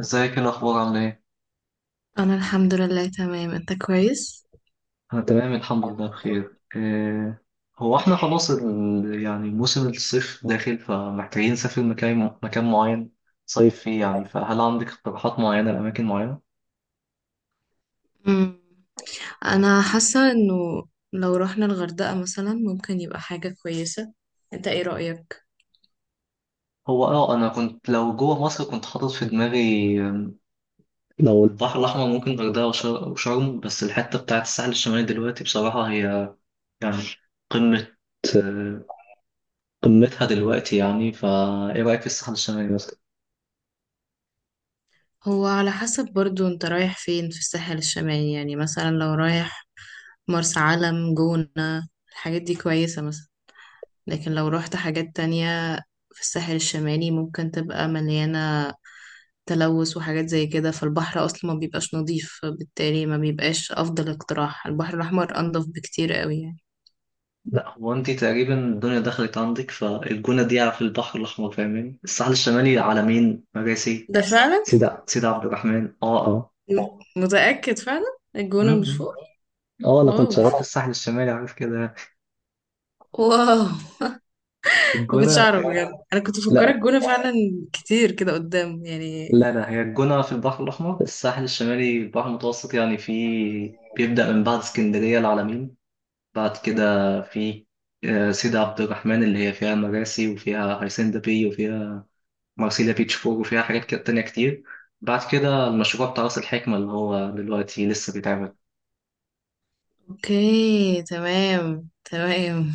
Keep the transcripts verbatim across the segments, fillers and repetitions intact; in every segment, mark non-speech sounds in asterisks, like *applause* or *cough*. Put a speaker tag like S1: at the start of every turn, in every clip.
S1: ازيك؟ ايه الاخبار؟ عامله ايه؟
S2: انا الحمد لله تمام. انت كويس؟
S1: انا تمام الحمد لله بخير. إيه، هو احنا خلاص ال... يعني موسم الصيف داخل، فمحتاجين نسافر مكان مكان معين، صيف فيه، يعني. فهل عندك اقتراحات معينه لاماكن معينه؟
S2: مم. انا حاسه انه لو رحنا الغردقه مثلا ممكن يبقى حاجه كويسه. انت ايه رايك؟
S1: هو اه، انا كنت لو جوه مصر كنت حاطط في دماغي، آم، لو البحر الاحمر ممكن غردقه وشر- وشرم. بس الحته بتاعت الساحل الشمالي دلوقتي بصراحه هي، يعني، قمه، آه، قمتها دلوقتي يعني. فايه رايك في الساحل الشمالي مثلا؟
S2: هو على حسب، برضو انت رايح فين في الساحل الشمالي، يعني مثلا لو رايح مرسى علم، جونة، الحاجات دي كويسه مثلا. لكن لو رحت حاجات تانية في الساحل الشمالي ممكن تبقى مليانه تلوث وحاجات زي كده، فالبحر اصلا ما بيبقاش نظيف، بالتالي ما بيبقاش افضل اقتراح. البحر الاحمر انضف بكتير قوي يعني.
S1: لا، هو انت تقريبا الدنيا دخلت عندك، فالجونة دي على في البحر الأحمر فاهماني، الساحل الشمالي على مين؟ مراسي،
S2: ده فعلا.
S1: سيدة سيدة عبد الرحمن، اه اه اه.
S2: م- لا، متأكد فعلا، الجونة مش
S1: م-م.
S2: فوق؟
S1: اه، انا كنت شغال في
S2: واو،
S1: الساحل الشمالي، عارف كده،
S2: واو، ما كنتش
S1: الجونة.
S2: اعرف بجد، انا كنت مفكره
S1: لا،
S2: الجونة فعلا كتير كده قدام يعني.
S1: لا، لا، هي الجونة في البحر الأحمر، الساحل الشمالي البحر المتوسط يعني. في، بيبدأ من بعد اسكندرية، العلمين. بعد كده في آه، سيدة عبد الرحمن اللي هي فيها مراسي، وفيها هيسندا بي، وفيها مارسيليا بيتش فور، وفيها حاجات كده تانية كتير. بعد كده المشروع بتاع راس الحكمة اللي هو دلوقتي لسه بيتعمل.
S2: اوكي، تمام تمام.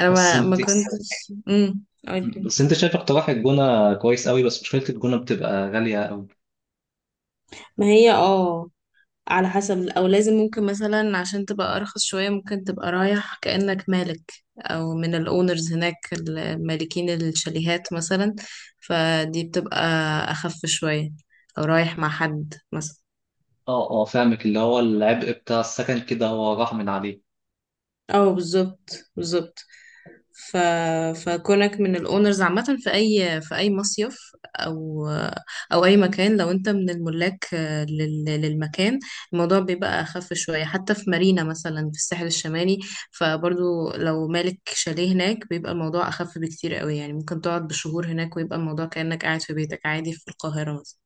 S2: انا
S1: بس
S2: ما ما
S1: انت
S2: كنتش امم قولي.
S1: بس انت شايف اقتراح الجونة كويس قوي، بس مشكلة الجونة بتبقى غالية قوي.
S2: ما هي اه، على حسب، او لازم ممكن مثلا عشان تبقى ارخص شوية، ممكن تبقى رايح كأنك مالك او من الاونرز هناك، المالكين الشاليهات مثلا، فدي بتبقى اخف شوية، او رايح مع حد مثلا.
S1: اه، اه، فاهمك، اللي هو العبء بتاع السكن كده هو راح من عليه.
S2: اه، بالظبط بالظبط. ف... فكونك من الاونرز عامة في اي في اي مصيف، او او اي مكان، لو انت من الملاك آه، لل... للمكان، الموضوع بيبقى اخف شوية. حتى في مارينا مثلا في الساحل الشمالي، فبرضو لو مالك شاليه هناك بيبقى الموضوع اخف بكتير قوي، يعني ممكن تقعد بشهور هناك ويبقى الموضوع كأنك قاعد في بيتك عادي في القاهرة مثلا.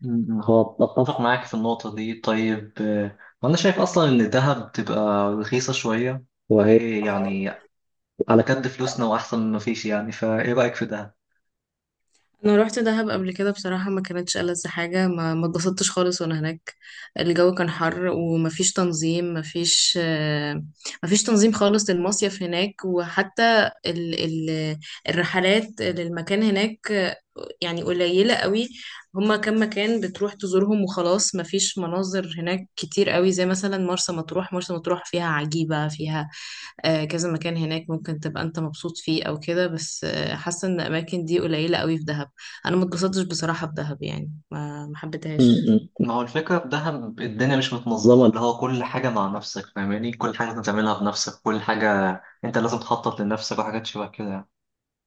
S1: م- م. هو اتفق معاك في النقطة دي. طيب، آه، وانا شايف اصلا ان الذهب بتبقى رخيصة شوية، وهي يعني على قد فلوسنا، واحسن ما فيش يعني. فايه رأيك في ده؟
S2: انا روحت دهب قبل كده، بصراحه ما كانتش ألذ حاجه، ما ما اتبسطتش خالص وانا هناك. الجو كان حر ومفيش تنظيم، مفيش آه، مفيش تنظيم خالص للمصيف هناك. وحتى ال ال الرحلات للمكان هناك آه، يعني قليله قوي، هما كم مكان بتروح تزورهم وخلاص، مفيش مناظر هناك كتير قوي. زي مثلا مرسى مطروح، مرسى مطروح فيها عجيبه، فيها آه، كذا مكان هناك ممكن تبقى انت مبسوط فيه او كده، بس آه، حاسه ان الاماكن دي قليله قوي في دهب. انا ما اتبسطتش بصراحه في دهب، يعني ما ما حبيتهاش.
S1: م-م. ما هو الفكرة في دهب الدنيا مش متنظمة، اللي هو كل حاجة مع نفسك فاهماني، كل حاجة لازم تعملها بنفسك، كل حاجة انت لازم تخطط لنفسك، وحاجات شبه كده يعني.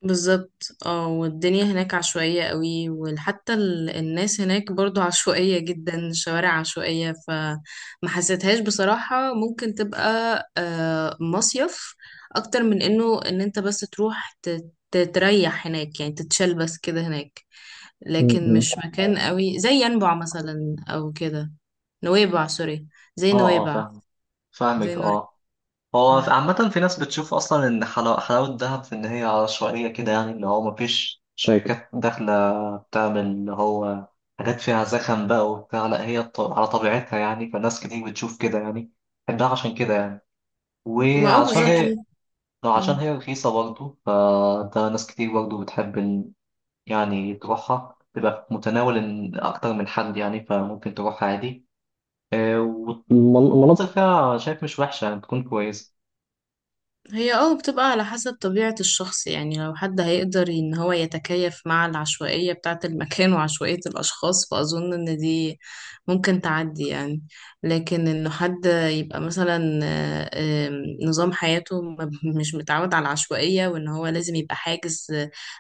S2: بالظبط اه، والدنيا هناك عشوائيه قوي، وحتى ال- الناس هناك برضو عشوائيه جدا، الشوارع عشوائيه، فما حسيتهاش بصراحه. ممكن تبقى آه، مصيف اكتر من انه ان انت بس تروح ت- تريح هناك يعني، تتشال بس كده هناك. لكن
S1: م-م.
S2: مش مكان قوي زي ينبع مثلا او كده. نويبع، سوري، زي
S1: اه، اه،
S2: نويبع،
S1: فاهم
S2: زي
S1: فاهمك،
S2: نويبع.
S1: اه. هو
S2: مم.
S1: في- عامة في ناس بتشوف أصلا إن حلاوة حلاوة دهب في إن هي عشوائية كده، يعني اللي هو مفيش شركات داخلة بتعمل اللي هو حاجات فيها زخم بقى وبتاع. لا، هي ط- على طبيعتها يعني. فناس كتير بتشوف كده يعني، بحبها عشان كده يعني،
S2: ما اه،
S1: وعشان
S2: بالظبط.
S1: هي، لو عشان
S2: مم.
S1: هي رخيصة برضه فده ناس كتير برضه بتحب إن- يعني تروحها، تبقى في متناول إن أكتر من حد يعني، فممكن تروحها عادي. آه، المن- والمناطق مناطق فيها شايف مش وحشة، يعني بتكون كويسة.
S2: هي اه، بتبقى على حسب طبيعة الشخص، يعني لو حد هيقدر ان هو يتكيف مع العشوائية بتاعة المكان *laughs* وعشوائية الاشخاص، فاظن ان دي ممكن تعدي يعني. لكن انه حد يبقى مثلا آه، آه، نظام حياته ما- مش متعود على العشوائية، وان هو لازم يبقى حاجز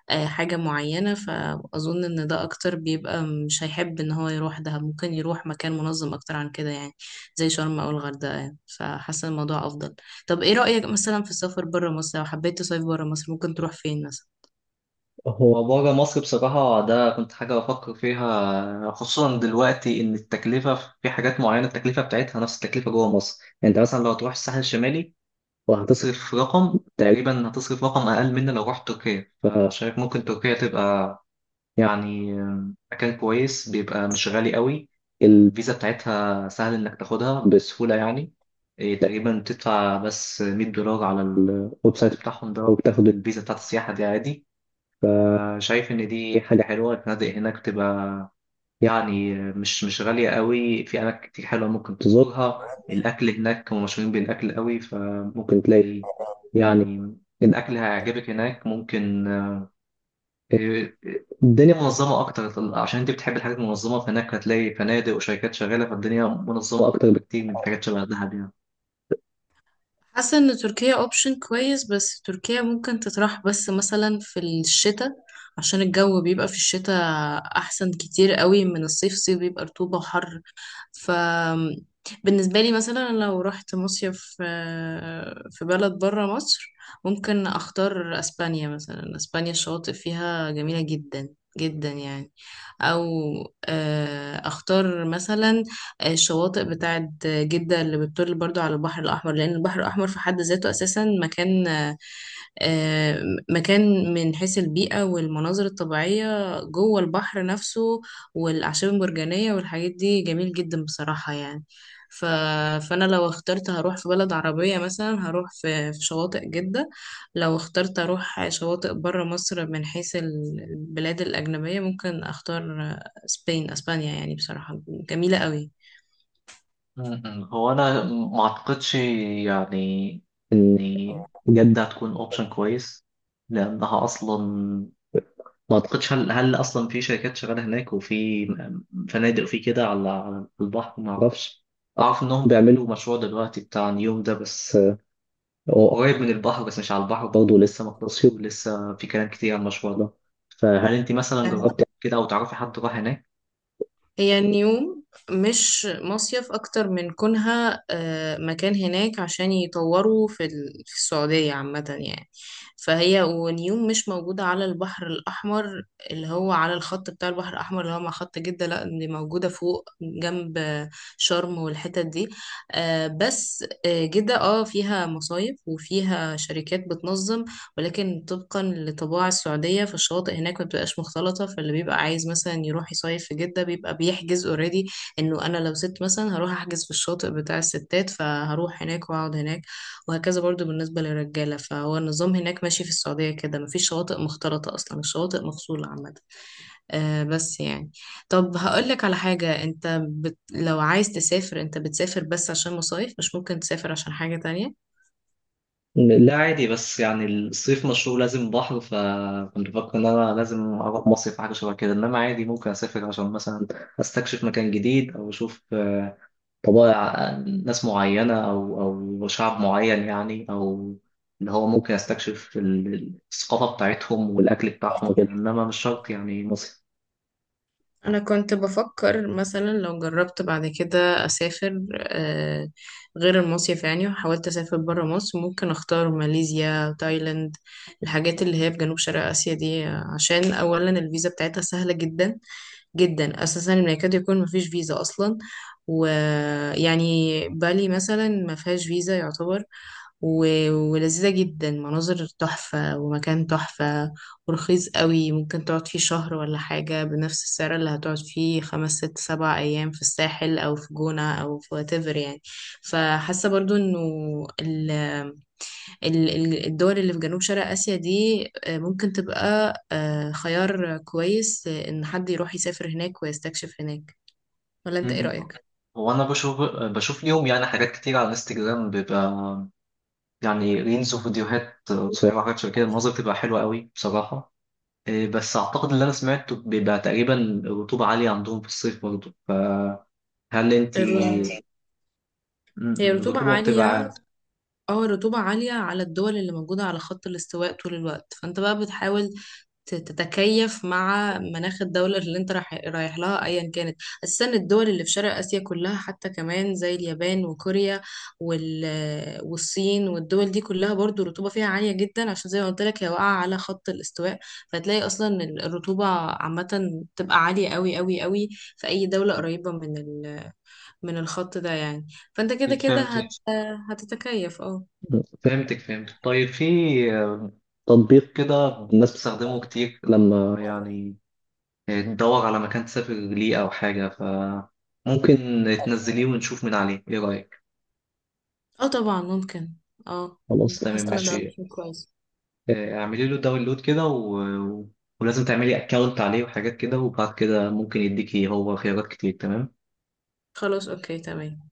S2: آه، حاجة معينة، فاظن ان ده اكتر بيبقى مش هيحب ان هو يروح. ده ممكن يروح مكان منظم اكتر عن كده، يعني زي شرم او الغردقة يعني. فحاسة الموضوع افضل. طب ايه رأيك مثلا في السفر برا مصر؟ لو حبيت تصيف برا مصر ممكن تروح فين مثلا؟
S1: هو بره مصر بصراحة ده كنت حاجة بفكر فيها، خصوصا دلوقتي إن التكلفة في حاجات معينة التكلفة بتاعتها نفس التكلفة جوه مصر. يعني أنت مثلا لو تروح الساحل الشمالي وهتصرف، هتصرف رقم تقريبا، هتصرف رقم أقل من لو رحت تركيا. فشايف ممكن تركيا تبقى يعني مكان كويس، بيبقى مش غالي قوي. الفيزا بتاعتها سهل انك تاخدها بسهولة يعني. إيه، تقريبا بتدفع بس مية دولار على الويب سايت بتاعهم ده، وبتاخد الفيزا بتاعت السياحة دي عادي. شايف ان دي حاجة حلوة. الفنادق هناك بتبقى يعني مش مش غالية قوي، في اماكن كتير حلوة ممكن تزورها. الاكل هناك هم مشهورين بالاكل قوي، فممكن تلاقي يعني الاكل هيعجبك هناك. ممكن الدنيا منظمة أكتر، عشان أنت بتحب الحاجات المنظمة، فهناك هتلاقي فنادق وشركات شغالة، فالدنيا منظمة أكتر بكتير من حاجات شبه دهب يعني.
S2: حاسة ان تركيا اوبشن كويس، بس تركيا ممكن تطرح بس مثلا في الشتاء، عشان الجو بيبقى في الشتاء احسن كتير قوي من الصيف. الصيف بيبقى رطوبة وحر. ف بالنسبة لي مثلا لو رحت مصيف آه، في بلد برا مصر، ممكن اختار اسبانيا مثلا. اسبانيا الشواطئ فيها جميلة جدا جدا يعني. او آه، اختار مثلا الشواطئ بتاعت جدة اللي بتطل برضو على البحر الأحمر، لأن البحر الأحمر في حد ذاته أساسا مكان، آه، مكان من حيث البيئة والمناظر الطبيعية جوه البحر نفسه، والأعشاب المرجانية والحاجات دي جميل جدا بصراحة يعني. ف... فأنا لو اخترت هروح في بلد عربية مثلا هروح في, في شواطئ جدة. لو اخترت أروح شواطئ برا مصر من حيث ال- البلاد الأجنبية، ممكن أختار آه، سبين أسبانيا يعني، بصراحة جميلة قوي.
S1: م- م. هو أنا ما أعتقدش يعني إن جدة هتكون أوبشن كويس، لأنها أصلا ما أعتقدش، هل هل أصلا في شركات شغالة هناك، وفي م- فنادق، وفي كده على على البحر، ما أعرفش. أعرف إنهم بيعملوا مشروع دلوقتي بتاع نيوم ده، بس هو قريب من البحر بس مش على البحر برضه، لسه ما خلصش، ولسه في كلام كتير عن المشروع ده. فهل انت مثلا جربت كده، او تعرفي حد راح هناك؟
S2: هي نيوم مش مصيف، أكتر من كونها آه، مكان هناك عشان يطوروا في ال- في السعودية عامة يعني. فهي ونيوم مش موجودة على البحر الأحمر اللي هو على الخط بتاع البحر الأحمر اللي هو مع خط جدة، لأ دي موجودة فوق جنب شرم والحتت دي. آه، بس آه، جدة اه فيها مصايف وفيها شركات بتنظم، ولكن طبقا لطباع السعودية فالشواطئ هناك ما بتبقاش مختلطة. فاللي بيبقى عايز مثلا يروح يصيف في جدة بيبقى بيحجز اوريدي انه انا لو ست مثلا هروح احجز في الشاطئ بتاع الستات فهروح هناك واقعد هناك، وهكذا برضو بالنسبة للرجالة. فهو النظام هناك ماشي في السعودية كده، مفيش شواطئ مختلطة اصلا، الشواطئ مفصولة عامة. آه، بس يعني. طب هقولك على حاجة، انت بت... لو عايز تسافر انت بتسافر بس عشان مصايف؟ مش ممكن تسافر عشان حاجة تانية؟
S1: لا، عادي، بس يعني الصيف مشهور لازم بحر، فكنت بفكر ان انا لازم اروح مصيف حاجه شبه كده، انما عادي ممكن اسافر عشان مثلا استكشف مكان جديد، او اشوف آه، طبائع آه، ناس معينه، او او شعب معين يعني، او اللي هو ممكن استكشف ال- الثقافه بتاعتهم والاكل بتاعهم وكده، انما مش شرط يعني مصيف.
S2: انا كنت بفكر مثلا لو جربت بعد كده اسافر آه، غير المصيف يعني، وحاولت اسافر برا مصر، ممكن اختار ماليزيا، تايلاند، الحاجات اللي هي في جنوب شرق اسيا دي آه، عشان اولا الفيزا بتاعتها سهله جدا جدا، اساسا إن يكاد يكون مفيش فيزا اصلا. ويعني بالي مثلا ما فيهاش فيزا يعتبر. و- ولذيذة جدا، مناظر تحفة ومكان تحفة، ورخيص قوي، ممكن تقعد فيه شهر ولا حاجة بنفس السعر اللي هتقعد فيه خمس ست سبع أيام في الساحل أو في جونة أو في واتيفر يعني. فحاسة برضو إنه ال- ال- ال- الدول اللي في جنوب شرق آسيا دي آه، ممكن تبقى آه، خيار كويس، آه، إن حد يروح يسافر هناك ويستكشف هناك. ولا أنت إيه
S1: م-م.
S2: رأيك؟
S1: هو انا بشوف بشوف ليهم يعني حاجات كتير على الانستجرام، بيبقى يعني ريلز وفيديوهات قصيره وحاجات شبه كده، المناظر بتبقى حلوه قوي بصراحه. إيه، بس اعتقد اللي انا سمعته بيبقى تقريبا الرطوبه عاليه عندهم في الصيف برضه. فهل انت،
S2: الر- هي
S1: م-م،
S2: رطوبة
S1: الرطوبه بتبقى
S2: عالية.
S1: عاليه.
S2: اه، الرطوبة عالية على الدول اللي موجودة على خط الاستواء طول الوقت. فانت بقى بتحاول ت- تتكيف مع مناخ الدولة اللي انت رايح رايح لها ايا كانت. اساسا الدول اللي في شرق اسيا كلها، حتى كمان زي اليابان وكوريا وال... والصين، والدول دي كلها برضو الرطوبة فيها عالية جدا، عشان زي ما قلت لك هي واقعة على خط الاستواء. فتلاقي اصلا ال- الرطوبة عامة تبقى عالية قوي قوي قوي في اي دولة قريبة من ال... من الخط ده يعني. فانت كده كده هت...
S1: فهمتك،
S2: هتتكيف اه.
S1: فهمتك، فهمتك. طيب، في آه، تطبيق كده الناس بتستخدمه كتير لما يعني ندور على مكان تسافر ليه أو حاجة، فممكن تنزليه ونشوف من عليه. إيه رأيك؟
S2: اه، طبعا ممكن، اه.
S1: خلاص تمام،
S2: حاسه ان ده خلاص
S1: ماشي.
S2: اوبشن كويس.
S1: آه، اعملي له داونلود كده، و... و- ولازم تعملي أكاونت عليه وحاجات كده، وبعد كده ممكن يديكي هو خيارات كتير. تمام؟
S2: خلاص، اوكي تمام.